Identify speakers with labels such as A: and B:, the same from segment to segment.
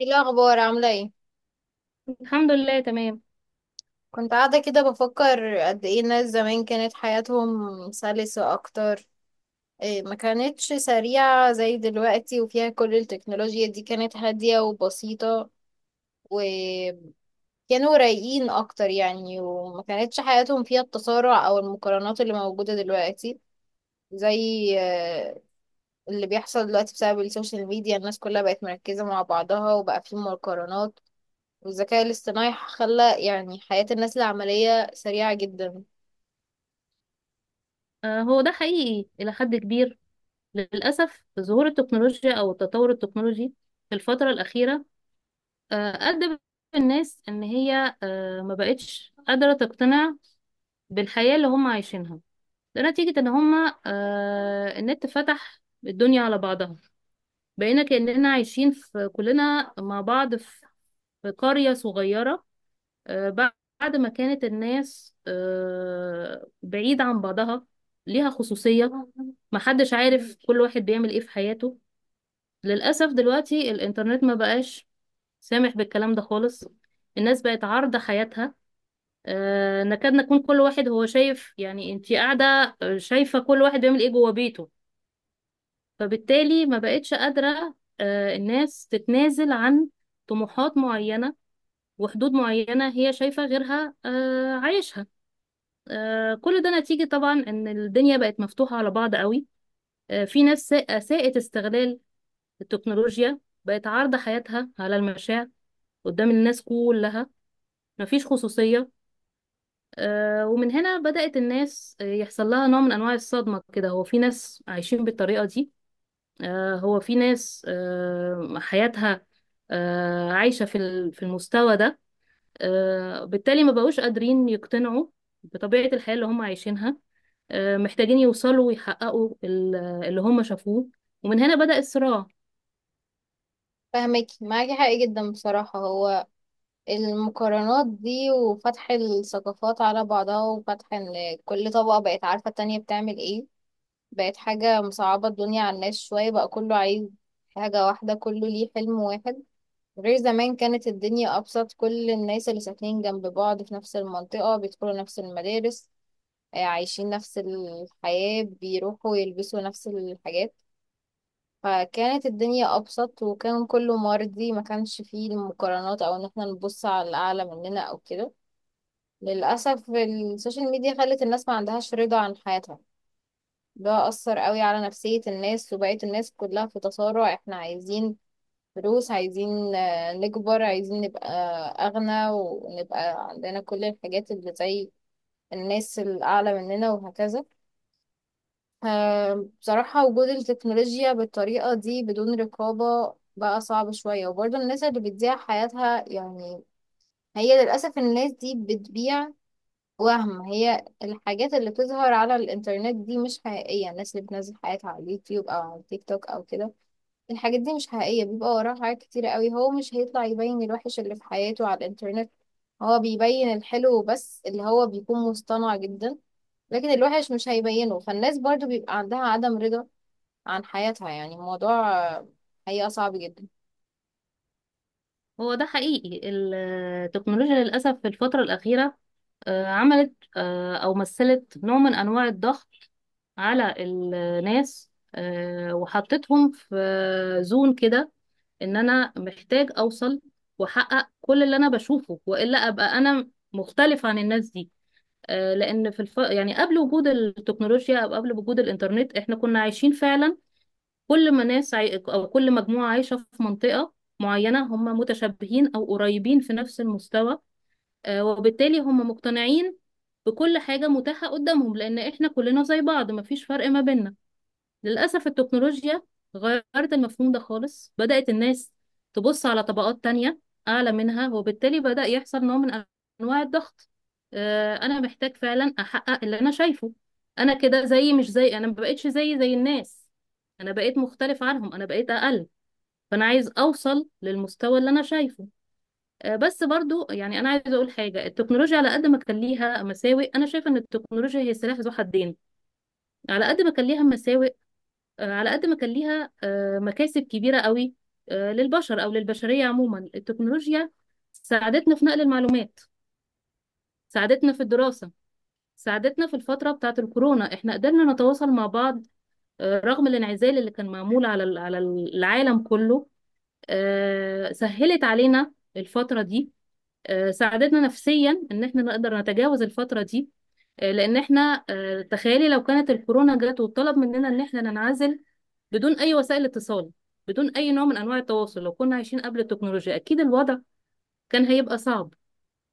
A: ايه الاخبار؟ عامله ايه؟
B: الحمد لله، تمام.
A: كنت قاعده كده بفكر قد ايه الناس زمان كانت حياتهم سلسه اكتر. إيه، ما كانتش سريعه زي دلوقتي وفيها كل التكنولوجيا دي، كانت هاديه وبسيطه وكانوا رايقين اكتر يعني، وما كانتش حياتهم فيها التسارع او المقارنات اللي موجوده دلوقتي. زي اللي بيحصل دلوقتي بسبب السوشيال ميديا، الناس كلها بقت مركزه مع بعضها وبقى في مقارنات، والذكاء الاصطناعي خلى يعني حياة الناس العملية سريعة جدا.
B: هو ده حقيقي إلى حد كبير. للأسف ظهور التكنولوجيا أو التطور التكنولوجي في الفترة الأخيرة آه، أدى الناس إن هي ما بقتش قادرة تقتنع بالحياة اللي هم عايشينها. ده نتيجة إن هم النت فتح الدنيا على بعضها. بقينا كأننا عايشين في كلنا مع بعض في قرية صغيرة. آه، بعد ما كانت الناس بعيدة عن بعضها، ليها خصوصية، محدش عارف كل واحد بيعمل ايه في حياته. للأسف دلوقتي الإنترنت ما بقاش سامح بالكلام ده خالص. الناس بقت عارضة حياتها، نكاد نكون كل واحد هو شايف، يعني انتي قاعدة شايفة كل واحد بيعمل ايه جوه بيته. فبالتالي ما بقتش قادرة الناس تتنازل عن طموحات معينة وحدود معينة هي شايفة غيرها عايشها. كل ده نتيجة طبعا إن الدنيا بقت مفتوحة على بعض قوي. في ناس أساءت استغلال التكنولوجيا، بقت عارضة حياتها على المشاع قدام الناس كلها، مفيش خصوصية. ومن هنا بدأت الناس يحصل لها نوع من أنواع الصدمة كده. هو في ناس عايشين بالطريقة دي، هو في ناس حياتها عايشة في المستوى ده. بالتالي ما بقوش قادرين يقتنعوا بطبيعة الحياة اللي هم عايشينها. محتاجين يوصلوا ويحققوا اللي هم شافوه. ومن هنا بدأ الصراع.
A: فاهمك، معاكي حق جدا بصراحة. هو المقارنات دي وفتح الثقافات على بعضها وفتح ان كل طبقة بقت عارفة التانية بتعمل ايه، بقت حاجة مصعبة الدنيا على الناس شوية. بقى كله عايز حاجة واحدة، كله ليه حلم واحد. غير زمان كانت الدنيا أبسط، كل الناس اللي ساكنين جنب بعض في نفس المنطقة بيدخلوا نفس المدارس، عايشين نفس الحياة، بيروحوا يلبسوا نفس الحاجات. فكانت الدنيا أبسط وكان كله مرضي، ما كانش فيه المقارنات أو إن احنا نبص على الأعلى مننا أو كده. للأسف السوشيال ميديا خلت الناس ما عندهاش رضا عن حياتها. ده أثر قوي على نفسية الناس وبقيت الناس كلها في تصارع. احنا عايزين فلوس، عايزين نكبر، عايزين نبقى أغنى ونبقى عندنا كل الحاجات اللي زي الناس الأعلى مننا وهكذا. بصراحة وجود التكنولوجيا بالطريقة دي بدون رقابة بقى صعب شوية. وبرضه الناس اللي بتضيع حياتها يعني، هي للأسف الناس دي بتبيع وهم. هي الحاجات اللي بتظهر على الإنترنت دي مش حقيقية، الناس اللي بتنزل حياتها على اليوتيوب أو على التيك توك أو كده، الحاجات دي مش حقيقية. بيبقى وراها حاجات كتيرة قوي، هو مش هيطلع يبين الوحش اللي في حياته على الإنترنت، هو بيبين الحلو بس اللي هو بيكون مصطنع جدا. لكن الوحش مش هيبينه، فالناس برضو بيبقى عندها عدم رضا عن حياتها. يعني الموضوع حقيقة صعب جدا.
B: هو ده حقيقي. التكنولوجيا للأسف في الفترة الأخيرة عملت أو مثلت نوع من أنواع الضغط على الناس، وحطتهم في زون كده، إن أنا محتاج أوصل وأحقق كل اللي أنا بشوفه، وإلا أبقى أنا مختلف عن الناس دي. لان يعني قبل وجود التكنولوجيا او قبل وجود الانترنت احنا كنا عايشين فعلا كل ما ناس عاي... او كل مجموعه عايشه في منطقه معينه، هم متشابهين او قريبين في نفس المستوى. وبالتالي هم مقتنعين بكل حاجه متاحه قدامهم، لان احنا كلنا زي بعض مفيش فرق ما بيننا. للأسف التكنولوجيا غيرت المفهوم ده خالص، بدأت الناس تبص على طبقات تانية أعلى منها، وبالتالي بدأ يحصل نوع من أنواع الضغط. أنا محتاج فعلا أحقق اللي أنا شايفه. أنا كده زي مش زي، أنا ما بقتش زي الناس، أنا بقيت مختلف عنهم، أنا بقيت أقل، فأنا عايز أوصل للمستوى اللي أنا شايفه. بس برضو يعني أنا عايزة أقول حاجة، التكنولوجيا على قد ما كان ليها مساوئ، أنا شايفة إن التكنولوجيا هي سلاح ذو حدين. على قد ما كان ليها مساوئ، على قد ما كان ليها مكاسب كبيرة قوي للبشر أو للبشرية عموما. التكنولوجيا ساعدتنا في نقل المعلومات، ساعدتنا في الدراسة، ساعدتنا في الفترة بتاعة الكورونا، احنا قدرنا نتواصل مع بعض رغم الانعزال اللي كان معمول على العالم كله. سهلت علينا الفترة دي، ساعدتنا نفسيا ان احنا نقدر نتجاوز الفترة دي. لان احنا تخيلي لو كانت الكورونا جت وطلب مننا ان احنا ننعزل بدون اي وسائل اتصال، بدون اي نوع من انواع التواصل، لو كنا عايشين قبل التكنولوجيا اكيد الوضع كان هيبقى صعب،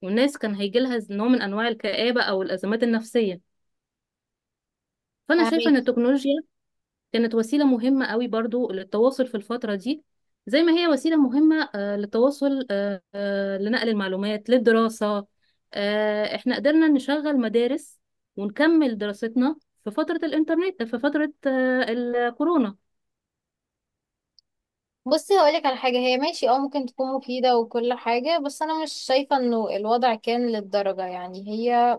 B: والناس كان هيجي لها نوع من انواع الكآبة او الازمات النفسية. فانا شايفة ان
A: فاهمين.
B: التكنولوجيا كانت وسيلة مهمة قوي برضو للتواصل في الفترة دي، زي ما هي وسيلة مهمة للتواصل لنقل المعلومات للدراسة. احنا قدرنا نشغل مدارس ونكمل دراستنا في فترة الإنترنت، في فترة الكورونا.
A: بصي هقولك على حاجة، هي ماشي اه ممكن تكون مفيدة وكل حاجة، بس أنا مش شايفة إنه الوضع كان للدرجة يعني. هي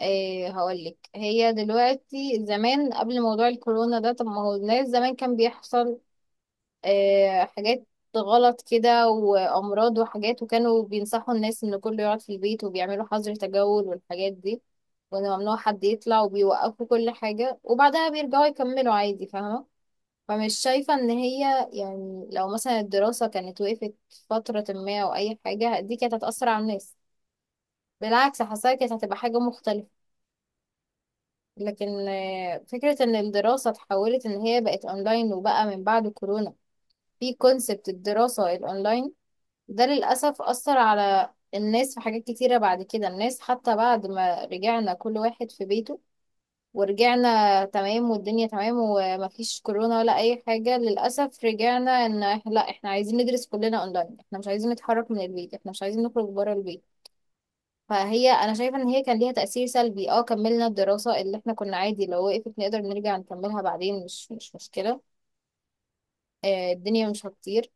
A: إيه هقولك، هي دلوقتي زمان قبل موضوع الكورونا ده، طب ما هو الناس زمان كان بيحصل إيه؟ حاجات غلط كده وأمراض وحاجات، وكانوا بينصحوا الناس إن كله يقعد في البيت وبيعملوا حظر تجول والحاجات دي، وإن ممنوع حد يطلع، وبيوقفوا كل حاجة وبعدها بيرجعوا يكملوا عادي. فاهمة؟ فمش شايفة ان هي يعني لو مثلا الدراسة كانت وقفت فترة ما او اي حاجة، دي كانت هتأثر على الناس. بالعكس حاساها كانت هتبقى حاجة مختلفة. لكن فكرة ان الدراسة اتحولت ان هي بقت اونلاين وبقى من بعد كورونا في كونسبت الدراسة الاونلاين، ده للأسف أثر على الناس في حاجات كتيرة. بعد كده الناس، حتى بعد ما رجعنا كل واحد في بيته ورجعنا تمام والدنيا تمام ومفيش كورونا ولا اي حاجة، للأسف رجعنا ان لا احنا عايزين ندرس كلنا اونلاين، احنا مش عايزين نتحرك من البيت، احنا مش عايزين نخرج بره البيت. فهي انا شايفة ان هي كان ليها تأثير سلبي. اه كملنا الدراسة، اللي احنا كنا عادي لو وقفت نقدر نرجع نكملها بعدين، مش مشكلة. آه الدنيا مش هتطير.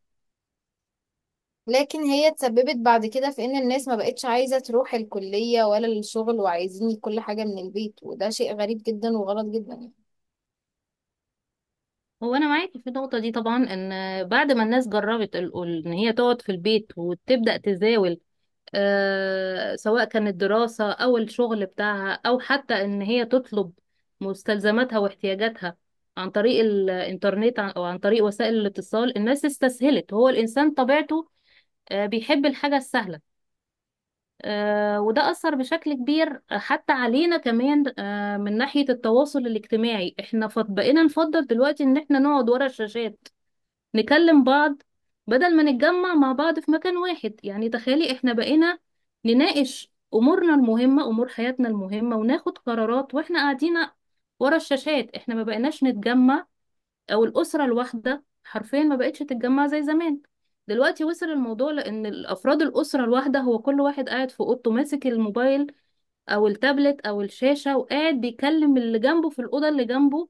A: لكن هي اتسببت بعد كده في ان الناس ما بقتش عايزة تروح الكلية ولا الشغل، وعايزين كل حاجة من البيت، وده شيء غريب جدا وغلط جدا يعني.
B: هو أنا معاك في النقطة دي طبعا، إن بعد ما الناس جربت إن هي تقعد في البيت وتبدأ تزاول، سواء كانت دراسة أو الشغل بتاعها، أو حتى إن هي تطلب مستلزماتها واحتياجاتها عن طريق الإنترنت، أو عن طريق وسائل الاتصال. الناس استسهلت. هو الإنسان طبيعته بيحب الحاجة السهلة. وده أثر بشكل كبير حتى علينا كمان من ناحية التواصل الاجتماعي. احنا بقينا نفضل دلوقتي إن احنا نقعد ورا الشاشات نكلم بعض بدل ما نتجمع مع بعض في مكان واحد. يعني تخيلي احنا بقينا نناقش امورنا المهمة، امور حياتنا المهمة، وناخد قرارات واحنا قاعدين ورا الشاشات. احنا ما بقيناش نتجمع، او الاسرة الواحدة حرفيا ما بقتش تتجمع زي زمان. دلوقتي وصل الموضوع لان الافراد الاسرة الواحدة هو كل واحد قاعد في اوضته ماسك الموبايل او التابلت او الشاشة، وقاعد بيكلم اللي جنبه في الاوضة اللي جنبه،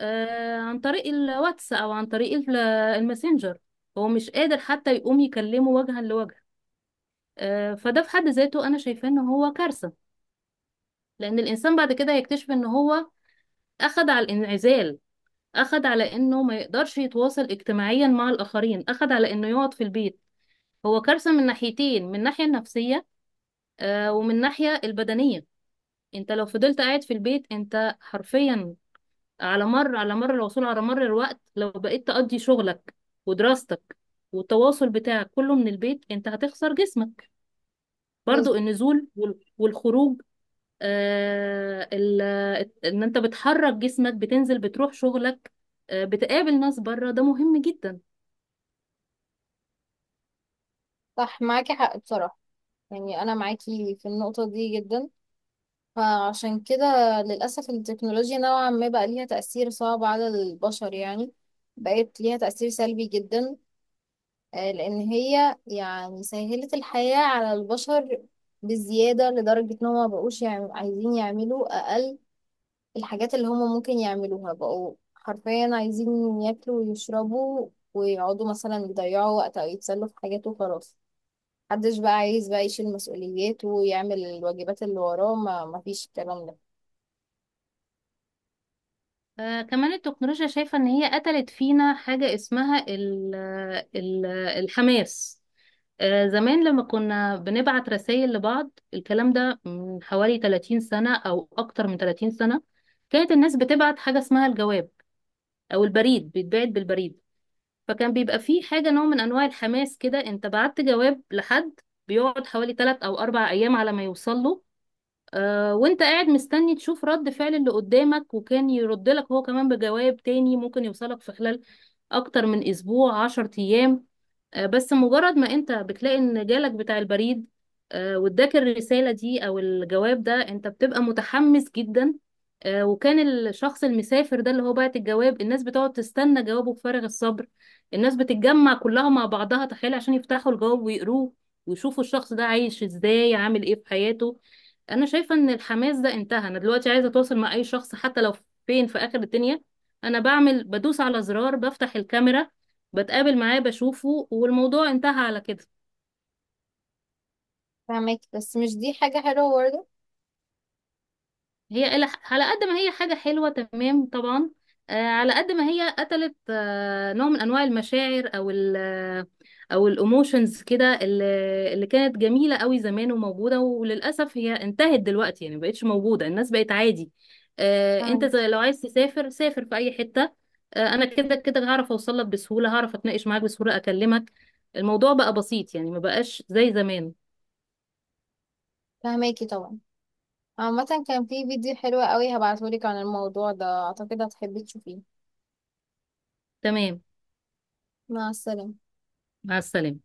B: عن طريق الواتس او عن طريق الماسنجر، هو مش قادر حتى يقوم يكلمه وجها لوجه. فده في حد ذاته انا شايفاه ان هو كارثة. لان الانسان بعد كده هيكتشف ان هو اخد على الانعزال، اخد على انه ما يقدرش يتواصل اجتماعيا مع الاخرين، اخد على انه يقعد في البيت. هو كارثة من ناحيتين، من الناحية النفسية ومن الناحية البدنية. انت لو فضلت قاعد في البيت، انت حرفيا على مر العصور، على مر الوقت، لو بقيت تقضي شغلك ودراستك والتواصل بتاعك كله من البيت، انت هتخسر جسمك.
A: بس
B: برضو النزول والخروج، آه ال- ان انت بتحرك جسمك، بتنزل بتروح شغلك، بتقابل ناس بره، ده مهم جدا.
A: صح، معاكي حق بصراحة. يعني انا معاكي في النقطة دي جدا. فعشان كده للأسف التكنولوجيا نوعا ما بقى ليها تأثير صعب على البشر يعني، بقت ليها تأثير سلبي جدا. لأن هي يعني سهلت الحياة على البشر بزيادة، لدرجة إن هما مبقوش عايزين يعملوا أقل الحاجات اللي هما ممكن يعملوها. بقوا حرفيا عايزين ياكلوا ويشربوا ويقعدوا مثلا يضيعوا وقت أو يتسلوا في حاجات وخلاص. محدش بقى عايز بقى يشيل مسؤوليات ويعمل الواجبات اللي وراه، ما مفيش الكلام ده.
B: كمان التكنولوجيا شايفة ان هي قتلت فينا حاجة اسمها ال الحماس. زمان لما كنا بنبعت رسائل لبعض، الكلام ده من حوالي 30 سنة أو أكتر من 30 سنة. كانت الناس بتبعت حاجة اسمها الجواب، أو البريد، بيتبعت بالبريد. فكان بيبقى فيه حاجة، نوع من أنواع الحماس كده. أنت بعت جواب لحد، بيقعد حوالي 3 أو 4 أيام على ما يوصل له، وانت قاعد مستني تشوف رد فعل اللي قدامك، وكان يرد لك هو كمان بجواب تاني، ممكن يوصلك في خلال أكتر من أسبوع، 10 أيام. بس مجرد ما انت بتلاقي ان جالك بتاع البريد واداك الرسالة دي او الجواب ده، انت بتبقى متحمس جدا. وكان الشخص المسافر ده اللي هو بعت الجواب، الناس بتقعد تستنى جوابه بفارغ الصبر. الناس بتتجمع كلها مع بعضها، تخيل، عشان يفتحوا الجواب ويقروه، ويشوفوا الشخص ده عايش ازاي، عامل ايه في حياته. انا شايفة ان الحماس ده انتهى. انا دلوقتي عايزة اتواصل مع اي شخص، حتى لو فين في اخر الدنيا، انا بعمل، بدوس على زرار، بفتح الكاميرا، بتقابل معاه، بشوفه، والموضوع انتهى على كده.
A: فهماكي، بس مش دي حاجة حلوة برضه.
B: هي على قد ما هي حاجة حلوة، تمام طبعا، على قد ما هي قتلت نوع من أنواع المشاعر أو ال أو الإيموشنز كده، اللي كانت جميلة قوي زمان وموجودة، وللأسف هي انتهت دلوقتي، يعني مبقتش موجودة، الناس بقت عادي. أنت
A: فاهمك.
B: زي لو عايز تسافر سافر في أي حتة. أنا كده كده هعرف أوصل لك بسهولة، هعرف أتناقش معاك بسهولة، أكلمك. الموضوع بقى بسيط يعني مبقاش زي زمان.
A: فهماكي طبعا. عامة كان في فيديو حلو قوي هبعتهولك عن الموضوع ده، اعتقد هتحبي تشوفيه.
B: تمام،
A: مع السلامة.
B: مع السلامة.